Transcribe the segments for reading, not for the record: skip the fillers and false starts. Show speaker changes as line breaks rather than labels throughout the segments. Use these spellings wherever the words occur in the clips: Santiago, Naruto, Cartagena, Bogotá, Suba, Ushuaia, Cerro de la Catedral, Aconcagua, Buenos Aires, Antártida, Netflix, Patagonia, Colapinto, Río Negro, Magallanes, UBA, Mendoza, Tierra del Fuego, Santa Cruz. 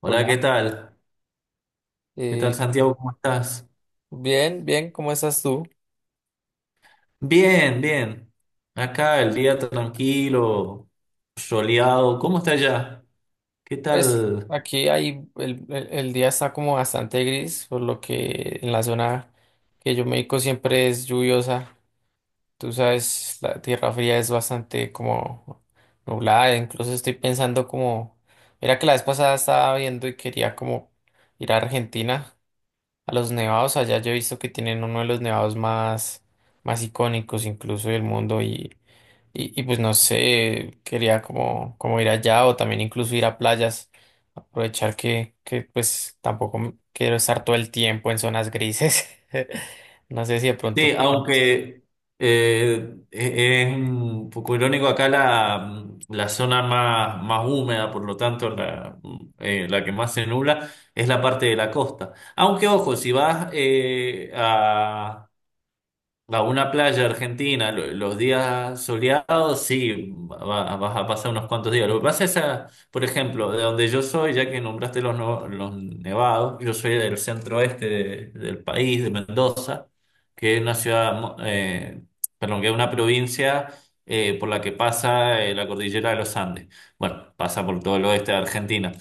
Hola, ¿qué
Hola,
tal? ¿Qué
eh,
tal, Santiago? ¿Cómo estás?
bien, bien, ¿cómo estás tú?
Bien, bien. Acá el día tranquilo, soleado. ¿Cómo está allá? ¿Qué
Pues
tal?
aquí hay, el día está como bastante gris, por lo que en la zona que yo me dedico siempre es lluviosa. Tú sabes, la tierra fría es bastante como nublada, incluso estoy pensando mira que la vez pasada estaba viendo y quería como ir a Argentina, a los nevados allá, yo he visto que tienen uno de los nevados más, más icónicos incluso del mundo. Y pues no sé, quería como, como ir allá o también incluso ir a playas, aprovechar que pues tampoco me- quiero estar todo el tiempo en zonas grises. No sé si de pronto
Sí,
tú tienes-
aunque es un poco irónico acá la zona más, más húmeda, por lo tanto la que más se nubla es la parte de la costa. Aunque ojo, si vas a una playa argentina, los días soleados, sí, vas a pasar unos cuantos días. Lo que pasa es, por ejemplo, de donde yo soy, ya que nombraste los, no- los nevados, yo soy del centro oeste del país, de Mendoza, que es una ciudad, perdón, que es una provincia por la que pasa la cordillera de los Andes. Bueno, pasa por todo el oeste de Argentina.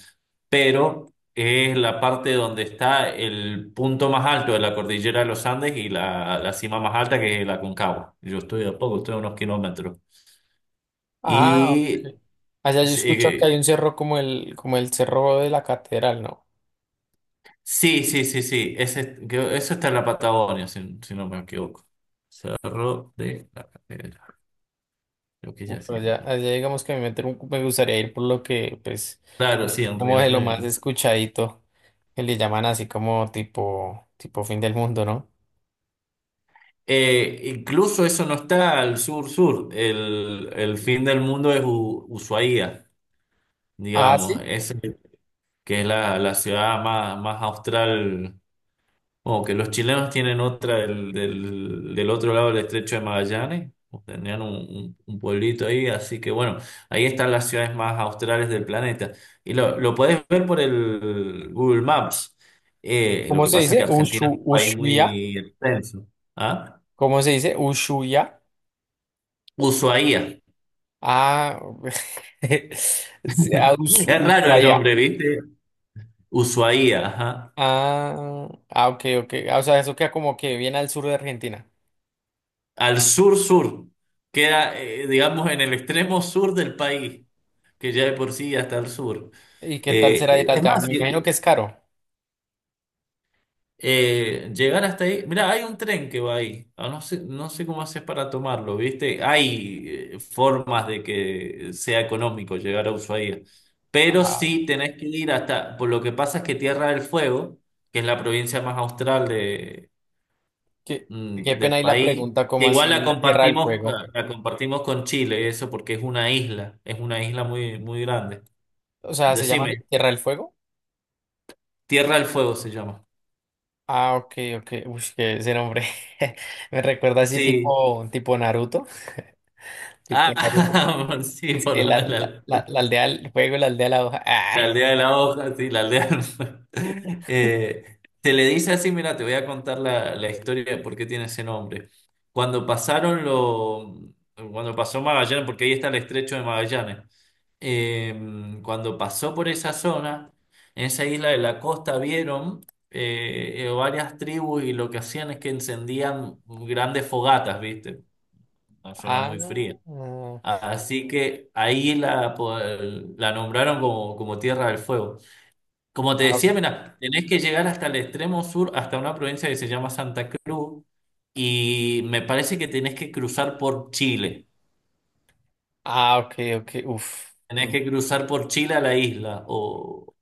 Pero es la parte donde está el punto más alto de la cordillera de los Andes y la cima más alta, que es la Aconcagua. Yo estoy a poco, estoy a unos kilómetros.
Ah, ok.
Y
Allá yo
sí,
escucho que hay un cerro como el cerro de la Catedral, ¿no?
sí, sí, sí, sí, ese, eso está en la Patagonia, si, si no me equivoco. Cerro de la Catedral, creo que
Uf,
ya sé
allá,
cuál es.
allá digamos que me, meter un- me gustaría ir por lo que, pues,
Claro, sí, en
como
Río
de lo más
Negro.
escuchadito, que le llaman así como tipo, tipo fin del mundo, ¿no?
Incluso eso no está al sur-sur. El fin del mundo es Ushuaia,
Ah, sí.
digamos. Es que es la, la ciudad más, más austral, o que los chilenos tienen otra del otro lado del estrecho de Magallanes, o tenían un pueblito ahí, así que bueno, ahí están las ciudades más australes del planeta. Y lo podés ver por el Google Maps. Lo
¿Cómo
que
se
pasa es que
dice?
Argentina es
Ushu,
un país
Ushuaia.
muy extenso. ¿Ah?
¿Cómo se dice? Ushuaia.
Ushuaía.
Ah, sí, ah, Usu-
Es raro el
Ushuaia.
nombre, ¿viste? Ushuaía, ajá.
Ah, ah, ok, ok. Ah, o sea, eso queda como que bien al sur de Argentina.
Al sur-sur. Queda, digamos, en el extremo sur del país, que ya de por sí hasta el sur.
¿Y qué tal será ir
Es
allá?
más,
Me
si,
imagino que es caro.
llegar hasta ahí, mira, hay un tren que va ahí. Ah, no sé, no sé cómo haces para tomarlo, ¿viste? Hay formas de que sea económico llegar a Ushuaia, pero
Ah,
sí tenés que ir hasta, por lo que pasa es que Tierra del Fuego, que es la provincia más austral
qué, qué
del
pena ahí la
país,
pregunta, ¿cómo
que igual
así Tierra del Fuego?
la compartimos con Chile, eso porque es una isla muy, muy grande.
O sea, ¿se llama así?
Decime,
¿Tierra del Fuego?
Tierra del Fuego se llama.
Ah, ok, ok. Uy, que ese nombre me recuerda así
Sí.
tipo, tipo Naruto. Tipo Naruto.
Ah, sí,
Es
por
que
lo
la,
de
la,
la,
la, la aldea del fuego, la aldea de la hoja. Ah,
la aldea de la hoja, sí, la aldea. Se le dice así, mira, te voy a contar la historia de por qué tiene ese nombre. Cuando pasaron lo, Cuando pasó Magallanes, porque ahí está el estrecho de Magallanes, eh, cuando pasó por esa zona, en esa isla de la costa vieron varias tribus, y lo que hacían es que encendían grandes fogatas, ¿viste? Una zona
ah.
muy fría. Así que ahí la, la nombraron como, como Tierra del Fuego. Como te
Ah,
decía, mira, tenés que llegar hasta el extremo sur, hasta una provincia que se llama Santa Cruz, y me parece que tenés que cruzar por Chile.
ah, ok, ok, uf.
Tenés
Mm.
que cruzar por Chile a la isla. O...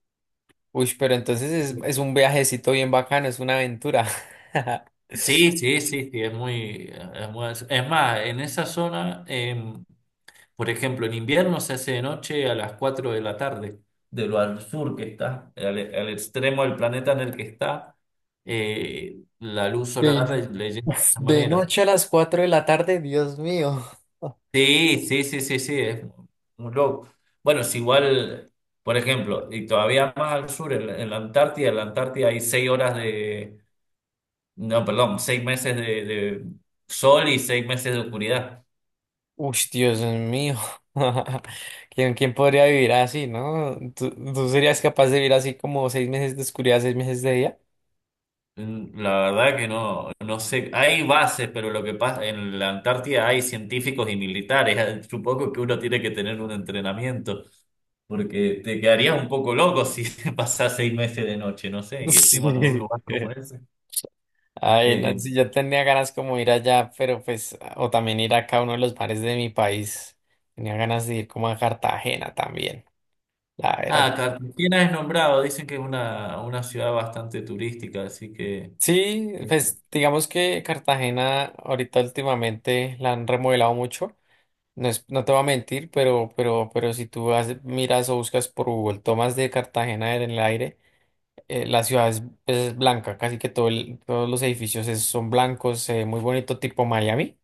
Uy, pero entonces es un viajecito bien bacano, es una aventura.
sí, sí, sí, sí, es muy, es más, en esa zona. Por ejemplo, en invierno se hace de noche a las 4 de la tarde, de lo al sur que está, al extremo del planeta en el que está, la luz
De,
solar le llega de
uf,
esa
de
manera.
noche a las 4 de la tarde, Dios mío.
Sí, sí, sí, sí, sí, es un loco. Bueno, es igual, por ejemplo, y todavía más al sur, en la Antártida hay 6 horas de, no, perdón, 6 meses de sol y 6 meses de oscuridad.
Uy, Dios mío. ¿Quién, quién podría vivir así, no? ¿Tú, tú serías capaz de vivir así como 6 meses de oscuridad, 6 meses de día?
Mm, la verdad que no, no sé, hay bases, pero lo que pasa en la Antártida hay científicos y militares. Supongo que uno tiene que tener un entrenamiento, porque te quedarías un poco loco si pasas 6 meses de noche, no sé, y encima en un
Sí.
lugar como ese.
Ay, no,
Eh,
sí, yo tenía ganas como ir allá, pero pues, o también ir acá a uno de los bares de mi país. Tenía ganas de ir como a Cartagena también, la verdad.
Cartagena es nombrado, dicen que es una ciudad bastante turística, así que
Sí,
eh,
pues digamos que Cartagena ahorita últimamente la han remodelado mucho. No es, no te voy a mentir, pero, pero si tú vas- miras o buscas por Google tomas de Cartagena en el aire, la ciudad es, pues, es blanca, casi que todo el- todos los edificios es- son blancos, muy bonito, tipo Miami.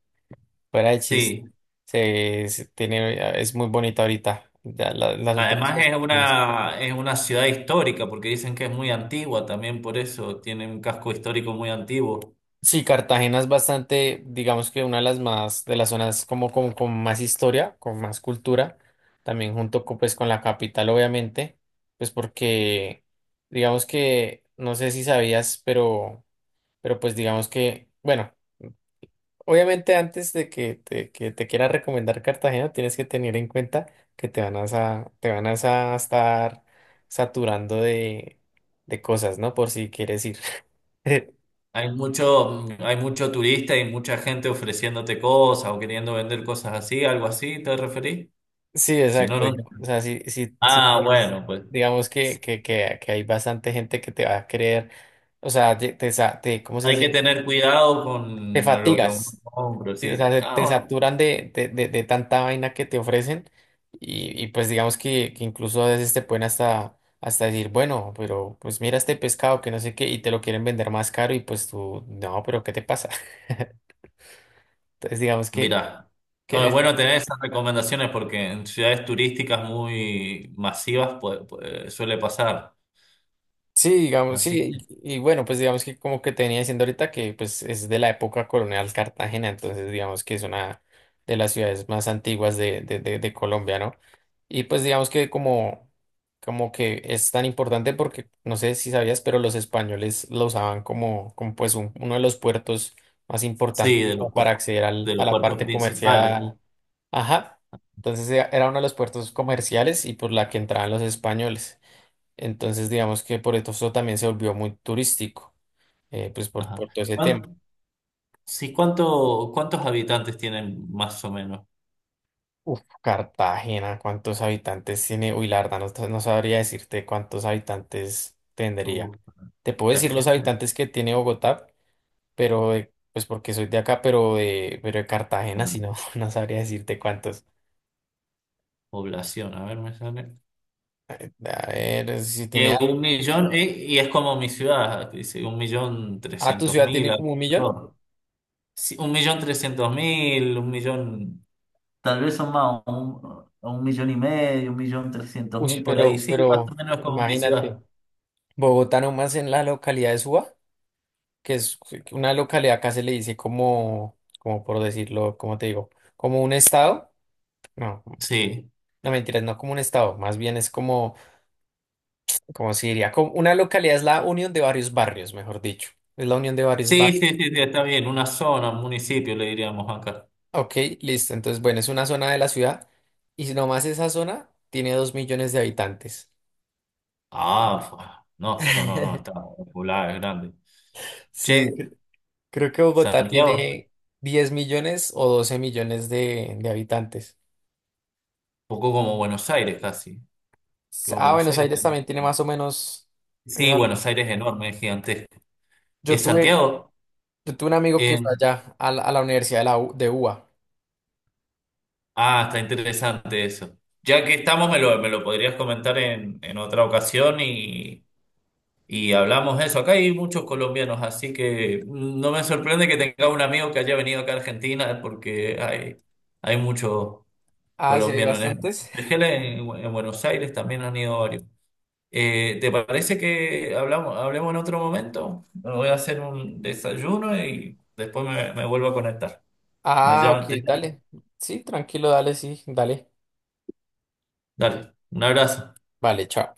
Fuera de chiste,
sí.
se tiene, es muy bonita ahorita, ya la- las últimas
Además
construcciones.
es una ciudad histórica, porque dicen que es muy antigua también, por eso tiene un casco histórico muy antiguo.
Sí, Cartagena es bastante, digamos que una de las más, de las zonas como, como con más historia, con más cultura, también junto con, pues, con la capital, obviamente, pues porque, digamos que, no sé si sabías, pero pues digamos que, bueno. Obviamente antes de que te quiera recomendar Cartagena, tienes que tener en cuenta que te van a, sa- te van a sa- estar saturando de cosas, ¿no? Por si quieres ir.
Hay mucho turista y mucha gente ofreciéndote cosas o queriendo vender cosas así, algo así, ¿te referís?
Sí,
Si no,
exacto.
no.
Yo- o sea, si tú
Ah,
vas,
bueno, pues
digamos
sí,
que hay bastante gente que te va a querer, o sea, te, sa- te- ¿cómo se
hay que
dice?
tener cuidado
Te
con lo que uno
fatigas.
compra,
O
sí.
sea, se- te
Ah,
saturan de tanta vaina que te ofrecen y pues digamos que incluso a veces te pueden hasta, hasta decir, bueno, pero pues mira este pescado que no sé qué y te lo quieren vender más caro y pues tú, no, pero ¿qué te pasa? Entonces digamos
mira,
que
no, es
en...
bueno tener esas recomendaciones porque en ciudades turísticas muy masivas pues, pues, suele pasar.
Sí, digamos,
Así
sí,
que
y bueno, pues digamos que como que te venía diciendo ahorita que pues es de la época colonial Cartagena, entonces digamos que es una de las ciudades más antiguas de Colombia, ¿no? Y pues digamos que como, como que es tan importante porque no sé si sabías, pero los españoles lo usaban como, como pues un- uno de los puertos más
sí,
importantes como para acceder al,
de
a
los
la
puertos
parte
principales.
comercial. Ajá, entonces era uno de los puertos comerciales y por la que entraban los españoles. Entonces, digamos que por eso también se volvió muy turístico, pues
Ajá.
por todo ese tema.
¿Cuán- sí, cuánto, ¿cuántos habitantes tienen más o menos?
Uf, Cartagena, ¿cuántos habitantes tiene? Uy, la verdad, no, sa- no sabría decirte cuántos habitantes
Uh.
tendría. Te puedo decir los
Cartagena,
habitantes que tiene Bogotá, pero pues porque soy de acá, pero de Cartagena, si no, no sabría decirte cuántos.
población, a ver, me sale.
A ver, si
Que
tiene... a-
un millón, y es como mi ciudad, que dice un millón
Ah, tu
trescientos
ciudad
mil,
tiene como 1 millón.
alrededor. Sí, 1.300.000, un millón, tal vez son más, un millón y medio, un millón trescientos
Uy,
mil, por ahí, sí, más o
pero
menos como mi
imagínate,
ciudad.
Bogotá nomás en la localidad de Suba, que es una localidad, acá se le dice como, como por decirlo, como te digo, como un estado. No,
Sí,
no mentiras, no como un estado, más bien es como, como se diría, como una localidad es la unión de varios barrios, mejor dicho, es la unión de varios
sí, sí,
barrios.
sí, sí, está bien, una zona, un municipio, le diríamos acá.
Ok, listo, entonces bueno, es una zona de la ciudad y si nomás esa zona tiene 2 millones de habitantes.
Ah, no, no, no, no, está popular, es grande. Che,
Sí, cre- creo que Bogotá
Santiago, un
tiene 10 millones o 12 millones de habitantes.
poco como Buenos Aires casi. Que
Ah,
Buenos
Buenos
Aires
Aires
también.
también tiene más o menos.
Sí, Buenos Aires es enorme, es gigantesco.
Yo
¿Es
tuve,
Santiago?
yo tuve un amigo que fue
En-
allá a la Universidad de, la U- de UBA.
Ah, está interesante eso. Ya que estamos, me lo podrías comentar en otra ocasión y hablamos de eso. Acá hay muchos colombianos, así que no me sorprende que tenga un amigo que haya venido acá a Argentina, porque hay muchos
Ah, sí, hay
colombianos
bastantes.
en Buenos Aires también han ido varios. ¿Te parece que hablamos, hablemos en otro momento? Me voy a hacer un desayuno y después me, me vuelvo a conectar. Me
Ah, ok,
llama- te-
dale. Sí, tranquilo, dale, sí, dale.
Dale, un abrazo.
Vale, chao.